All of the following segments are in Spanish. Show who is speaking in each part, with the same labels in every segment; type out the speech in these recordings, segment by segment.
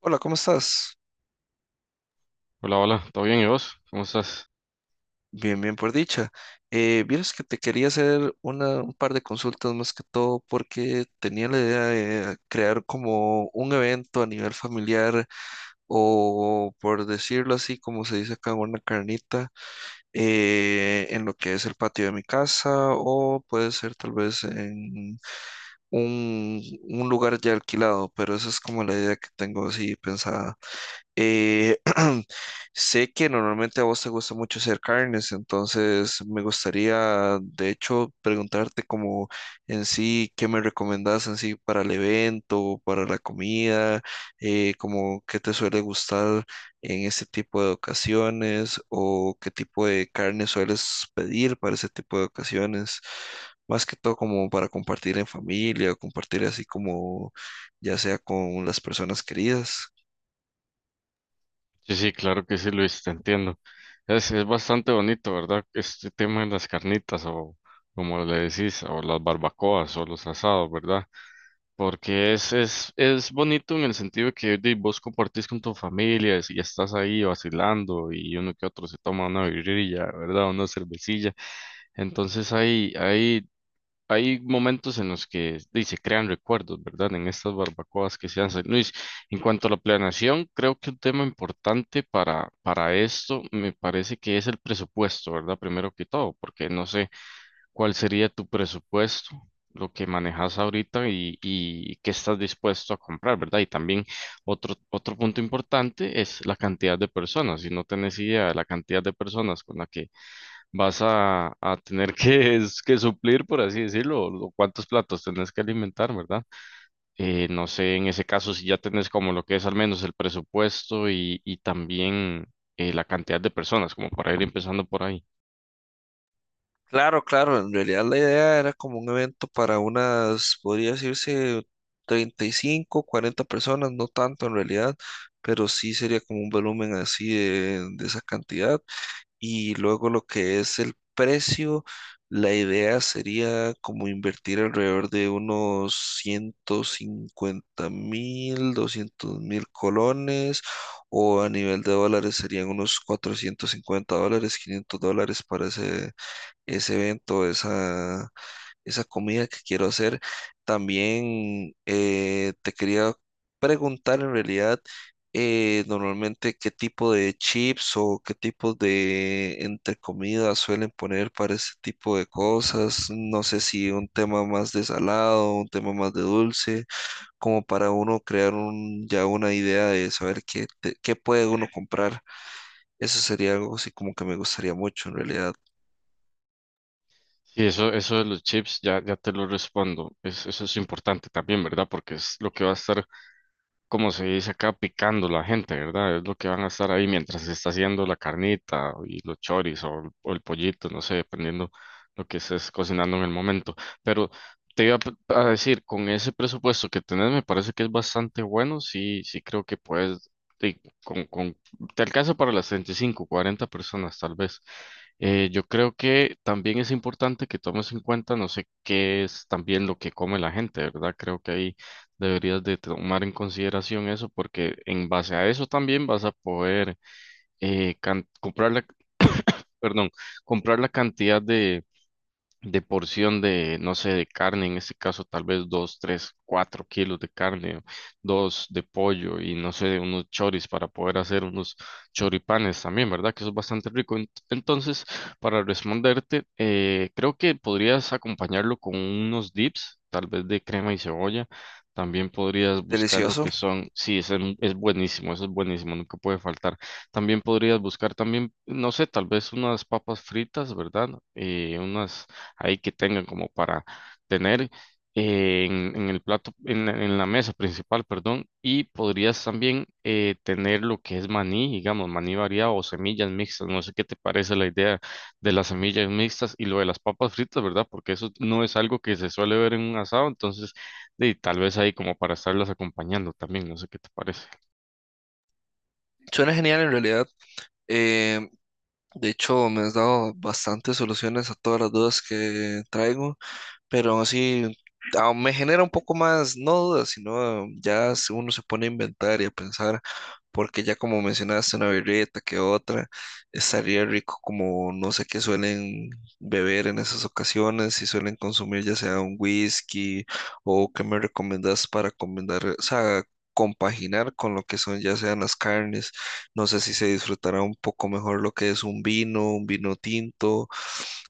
Speaker 1: Hola, ¿cómo estás?
Speaker 2: Hola, hola, ¿todo bien? ¿Y vos? ¿Cómo estás?
Speaker 1: Bien, bien, por dicha. Vieras que te quería hacer un par de consultas, más que todo porque tenía la idea de crear como un evento a nivel familiar, o por decirlo así, como se dice acá, una carnita en lo que es el patio de mi casa, o puede ser tal vez en un, un lugar ya alquilado, pero esa es como la idea que tengo así pensada. Eh, Sé que normalmente a vos te gusta mucho hacer carnes, entonces me gustaría, de hecho, preguntarte como en sí, ¿qué me recomendás en sí para el evento, para la comida, como qué te suele gustar en este tipo de ocasiones, o qué tipo de carne sueles pedir para ese tipo de ocasiones? Más que todo como para compartir en familia, o compartir así como ya sea con las personas queridas.
Speaker 2: Sí, sí, claro que sí, Luis, te entiendo. Es bastante bonito, ¿verdad? Este tema de las carnitas o como le decís, o las barbacoas o los asados, ¿verdad? Porque es bonito en el sentido de que di, vos compartís con tu familia y estás ahí vacilando y uno que otro se toma una birrilla, ¿verdad? Una cervecilla. Entonces hay momentos en los que di, se crean recuerdos, ¿verdad? En estas barbacoas que se hacen. Luis, en cuanto a la planeación, creo que un tema importante para esto me parece que es el presupuesto, ¿verdad? Primero que todo, porque no sé cuál sería tu presupuesto, lo que manejas ahorita y qué estás dispuesto a comprar, ¿verdad? Y también otro punto importante es la cantidad de personas. Si no tenés idea de la cantidad de personas con la que vas a tener que, que suplir, por así decirlo, o cuántos platos tenés que alimentar, ¿verdad? No sé, en ese caso, si ya tenés como lo que es al menos el presupuesto y también la cantidad de personas, como para ir empezando por ahí.
Speaker 1: Claro, claro, en realidad la idea era como un evento para unas, podría decirse, 35, 40 personas, no tanto en realidad, pero sí sería como un volumen así de esa cantidad. Y luego lo que es el precio, la idea sería como invertir alrededor de unos 150.000, 200.000 colones, o a nivel de dólares serían unos 450 dólares, 500 dólares para ese ese evento, esa comida que quiero hacer. También te quería preguntar en realidad, normalmente qué tipo de chips o qué tipo de entre comidas suelen poner para ese tipo de cosas. No sé si un tema más de salado, un tema más de dulce, como para uno crear un, ya una idea de saber qué, qué puede uno comprar. Eso sería algo así como que me gustaría mucho en realidad.
Speaker 2: Sí, eso de los chips, ya te lo respondo. Eso es importante también, ¿verdad? Porque es lo que va a estar como se dice acá, picando la gente, ¿verdad? Es lo que van a estar ahí mientras se está haciendo la carnita y los choris o, el pollito, no sé, dependiendo lo que estés cocinando en el momento. Pero te iba a decir, con ese presupuesto que tenés, me parece que es bastante bueno, sí, sí creo que puedes, sí, te alcanza para las 35, 40 personas tal vez. Yo creo que también es importante que tomes en cuenta, no sé qué es también lo que come la gente, ¿verdad? Creo que ahí deberías de tomar en consideración eso porque en base a eso también vas a poder comprar la, perdón, comprar la cantidad de porción de, no sé, de carne, en este caso tal vez dos, tres, cuatro kilos de carne, dos de pollo y no sé, unos choris para poder hacer unos choripanes también, ¿verdad? Que eso es bastante rico. Entonces, para responderte, creo que podrías acompañarlo con unos dips, tal vez de crema y cebolla. También podrías buscar lo
Speaker 1: Delicioso.
Speaker 2: que son, sí, ese es buenísimo, eso es buenísimo, nunca puede faltar. También podrías buscar también, no sé, tal vez unas papas fritas, ¿verdad? Unas ahí que tengan como para tener en el plato, en la mesa principal, perdón, y podrías también tener lo que es maní, digamos, maní variado o semillas mixtas, no sé qué te parece la idea de las semillas mixtas y lo de las papas fritas, ¿verdad? Porque eso no es algo que se suele ver en un asado, entonces de, tal vez ahí como para estarlas acompañando también, no sé qué te parece.
Speaker 1: Suena genial en realidad. Eh, de hecho, me has dado bastantes soluciones a todas las dudas que traigo, pero aún así me genera un poco más, no dudas, sino ya uno se pone a inventar y a pensar, porque ya como mencionaste, una birrita que otra, estaría rico, como no sé qué suelen beber en esas ocasiones, si suelen consumir ya sea un whisky o qué me recomendás para combinar, o sea, compaginar con lo que son ya sean las carnes, no sé si se disfrutará un poco mejor lo que es un vino tinto.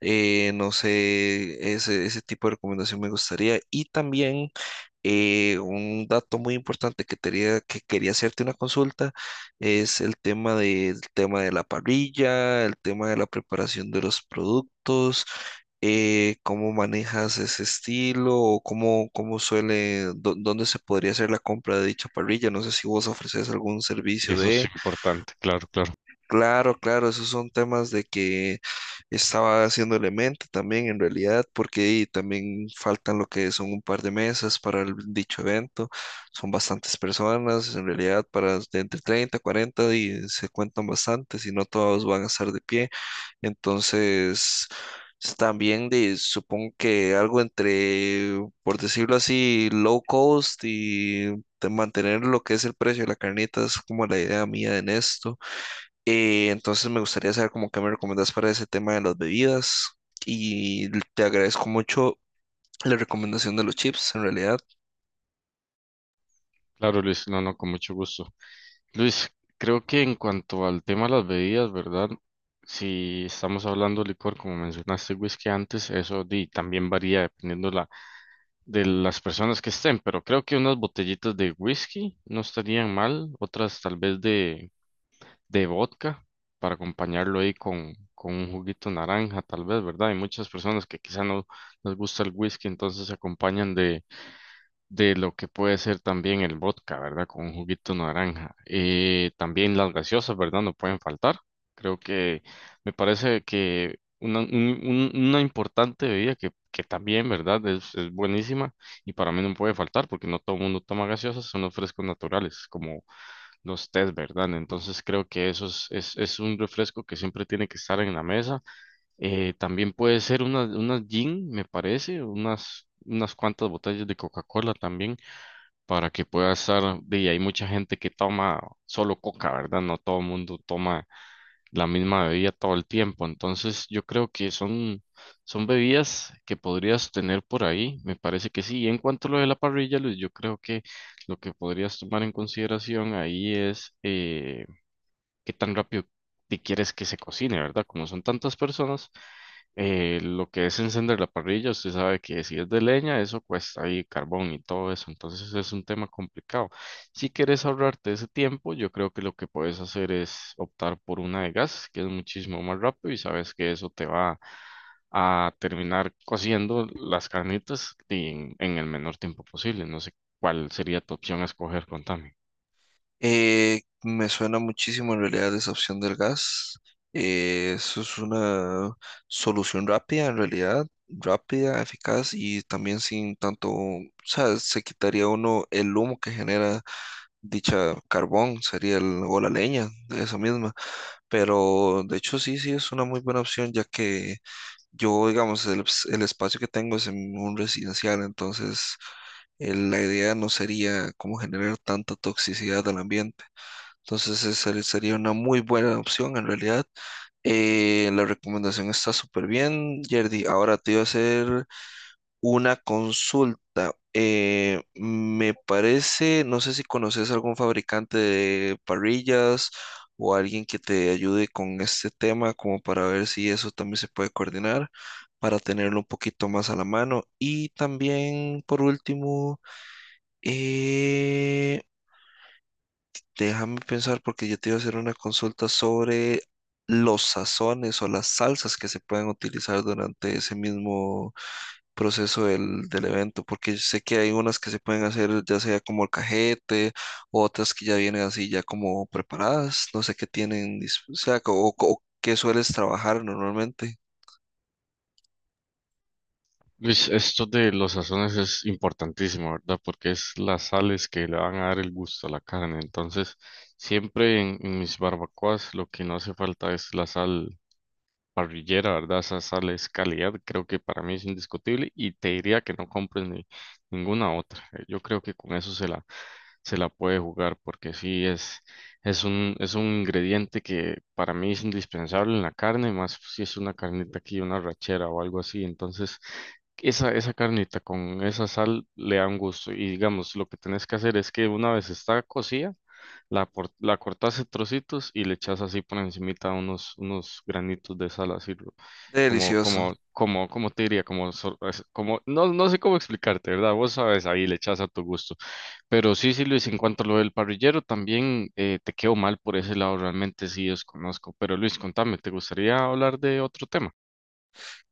Speaker 1: No sé, ese tipo de recomendación me gustaría. Y también un dato muy importante, que quería hacerte una consulta, es el tema de la parrilla, el tema de la preparación de los productos. ¿Cómo manejas ese estilo? O cómo, cómo suele, ¿dónde se podría hacer la compra de dicha parrilla? No sé si vos ofreces algún servicio
Speaker 2: Eso es
Speaker 1: de...
Speaker 2: importante, claro, claro.
Speaker 1: Claro, claro, esos son temas de que estaba haciendo el mente también en realidad, porque ahí también faltan lo que son un par de mesas para el dicho evento, son bastantes personas, en realidad para de entre 30, 40 y se cuentan bastantes y no todos van a estar de pie, entonces también de, supongo que algo entre, por decirlo así, low cost, y de mantener lo que es el precio de la carnita, es como la idea mía en esto. Entonces me gustaría saber cómo que me recomiendas para ese tema de las bebidas, y te agradezco mucho la recomendación de los chips, en realidad.
Speaker 2: Claro, Luis, no, no, con mucho gusto. Luis, creo que en cuanto al tema de las bebidas, ¿verdad? Si estamos hablando de licor, como mencionaste, whisky antes, eso di, también varía dependiendo la, de las personas que estén, pero creo que unas botellitas de whisky no estarían mal, otras tal vez de vodka para acompañarlo ahí con un juguito naranja, tal vez, ¿verdad? Hay muchas personas que quizá no les gusta el whisky, entonces se acompañan de lo que puede ser también el vodka, ¿verdad? Con un juguito de naranja. También las gaseosas, ¿verdad? No pueden faltar. Creo que me parece que una, una importante bebida que también, ¿verdad? Es buenísima y para mí no puede faltar porque no todo el mundo toma gaseosas, son los frescos naturales, como los tés, ¿verdad? Entonces creo que eso es un refresco que siempre tiene que estar en la mesa. También puede ser unas gin, me parece, unas cuantas botellas de Coca-Cola también para que pueda estar, y hay mucha gente que toma solo coca, ¿verdad? No todo el mundo toma la misma bebida todo el tiempo, entonces yo creo que son bebidas que podrías tener por ahí, me parece que sí. Y en cuanto a lo de la parrilla, Luis, yo creo que lo que podrías tomar en consideración ahí es... qué tan rápido te quieres que se cocine, ¿verdad? Como son tantas personas, lo que es encender la parrilla, usted sabe que si es de leña, eso cuesta ahí carbón y todo eso, entonces es un tema complicado. Si quieres ahorrarte ese tiempo, yo creo que lo que puedes hacer es optar por una de gas, que es muchísimo más rápido y sabes que eso te va a terminar cociendo las carnitas y en el menor tiempo posible. No sé cuál sería tu opción a escoger, contame.
Speaker 1: Me suena muchísimo en realidad esa opción del gas. Eso es una solución rápida, en realidad, rápida, eficaz, y también sin tanto, o sea, se quitaría uno el humo que genera dicha carbón, sería el, o la leña, esa misma. Pero de hecho sí, sí, es una muy buena opción, ya que yo, digamos, el, el espacio que tengo es en un residencial, entonces la idea no sería como generar tanta toxicidad al ambiente. Entonces esa sería una muy buena opción en realidad. La recomendación está súper bien, Yerdy. Ahora te iba a hacer una consulta. Me parece, no sé si conoces algún fabricante de parrillas o alguien que te ayude con este tema, como para ver si eso también se puede coordinar, para tenerlo un poquito más a la mano. Y también, por último, eh, déjame pensar porque yo te iba a hacer una consulta sobre los sazones o las salsas que se pueden utilizar durante ese mismo proceso del, del evento, porque sé que hay unas que se pueden hacer ya sea como cajete, otras que ya vienen así ya como preparadas, no sé qué tienen, o sea, o qué sueles trabajar normalmente.
Speaker 2: Luis, esto de los sazones es importantísimo, ¿verdad? Porque es las sales que le van a dar el gusto a la carne. Entonces, siempre en mis barbacoas lo que no hace falta es la sal parrillera, ¿verdad? Esa sal es calidad, creo que para mí es indiscutible y te diría que no compres ni, ninguna otra. Yo creo que con eso se la puede jugar porque sí es un ingrediente que para mí es indispensable en la carne, más si es una carnita aquí, una rachera o algo así. Entonces, esa carnita con esa sal le da un gusto. Y digamos, lo que tenés que hacer es que una vez está cocida, la, la cortas en trocitos y le echas así por encimita unos granitos de sal, así como,
Speaker 1: Delicioso.
Speaker 2: como, como, como te diría, como, como, no, no sé cómo explicarte, ¿verdad? Vos sabes, ahí le echas a tu gusto. Pero sí, sí, Luis, en cuanto a lo del parrillero, también te quedo mal por ese lado, realmente sí desconozco. Pero Luis, contame, ¿te gustaría hablar de otro tema?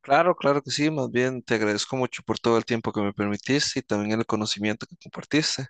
Speaker 1: Claro, claro que sí, más bien te agradezco mucho por todo el tiempo que me permitiste y también el conocimiento que compartiste.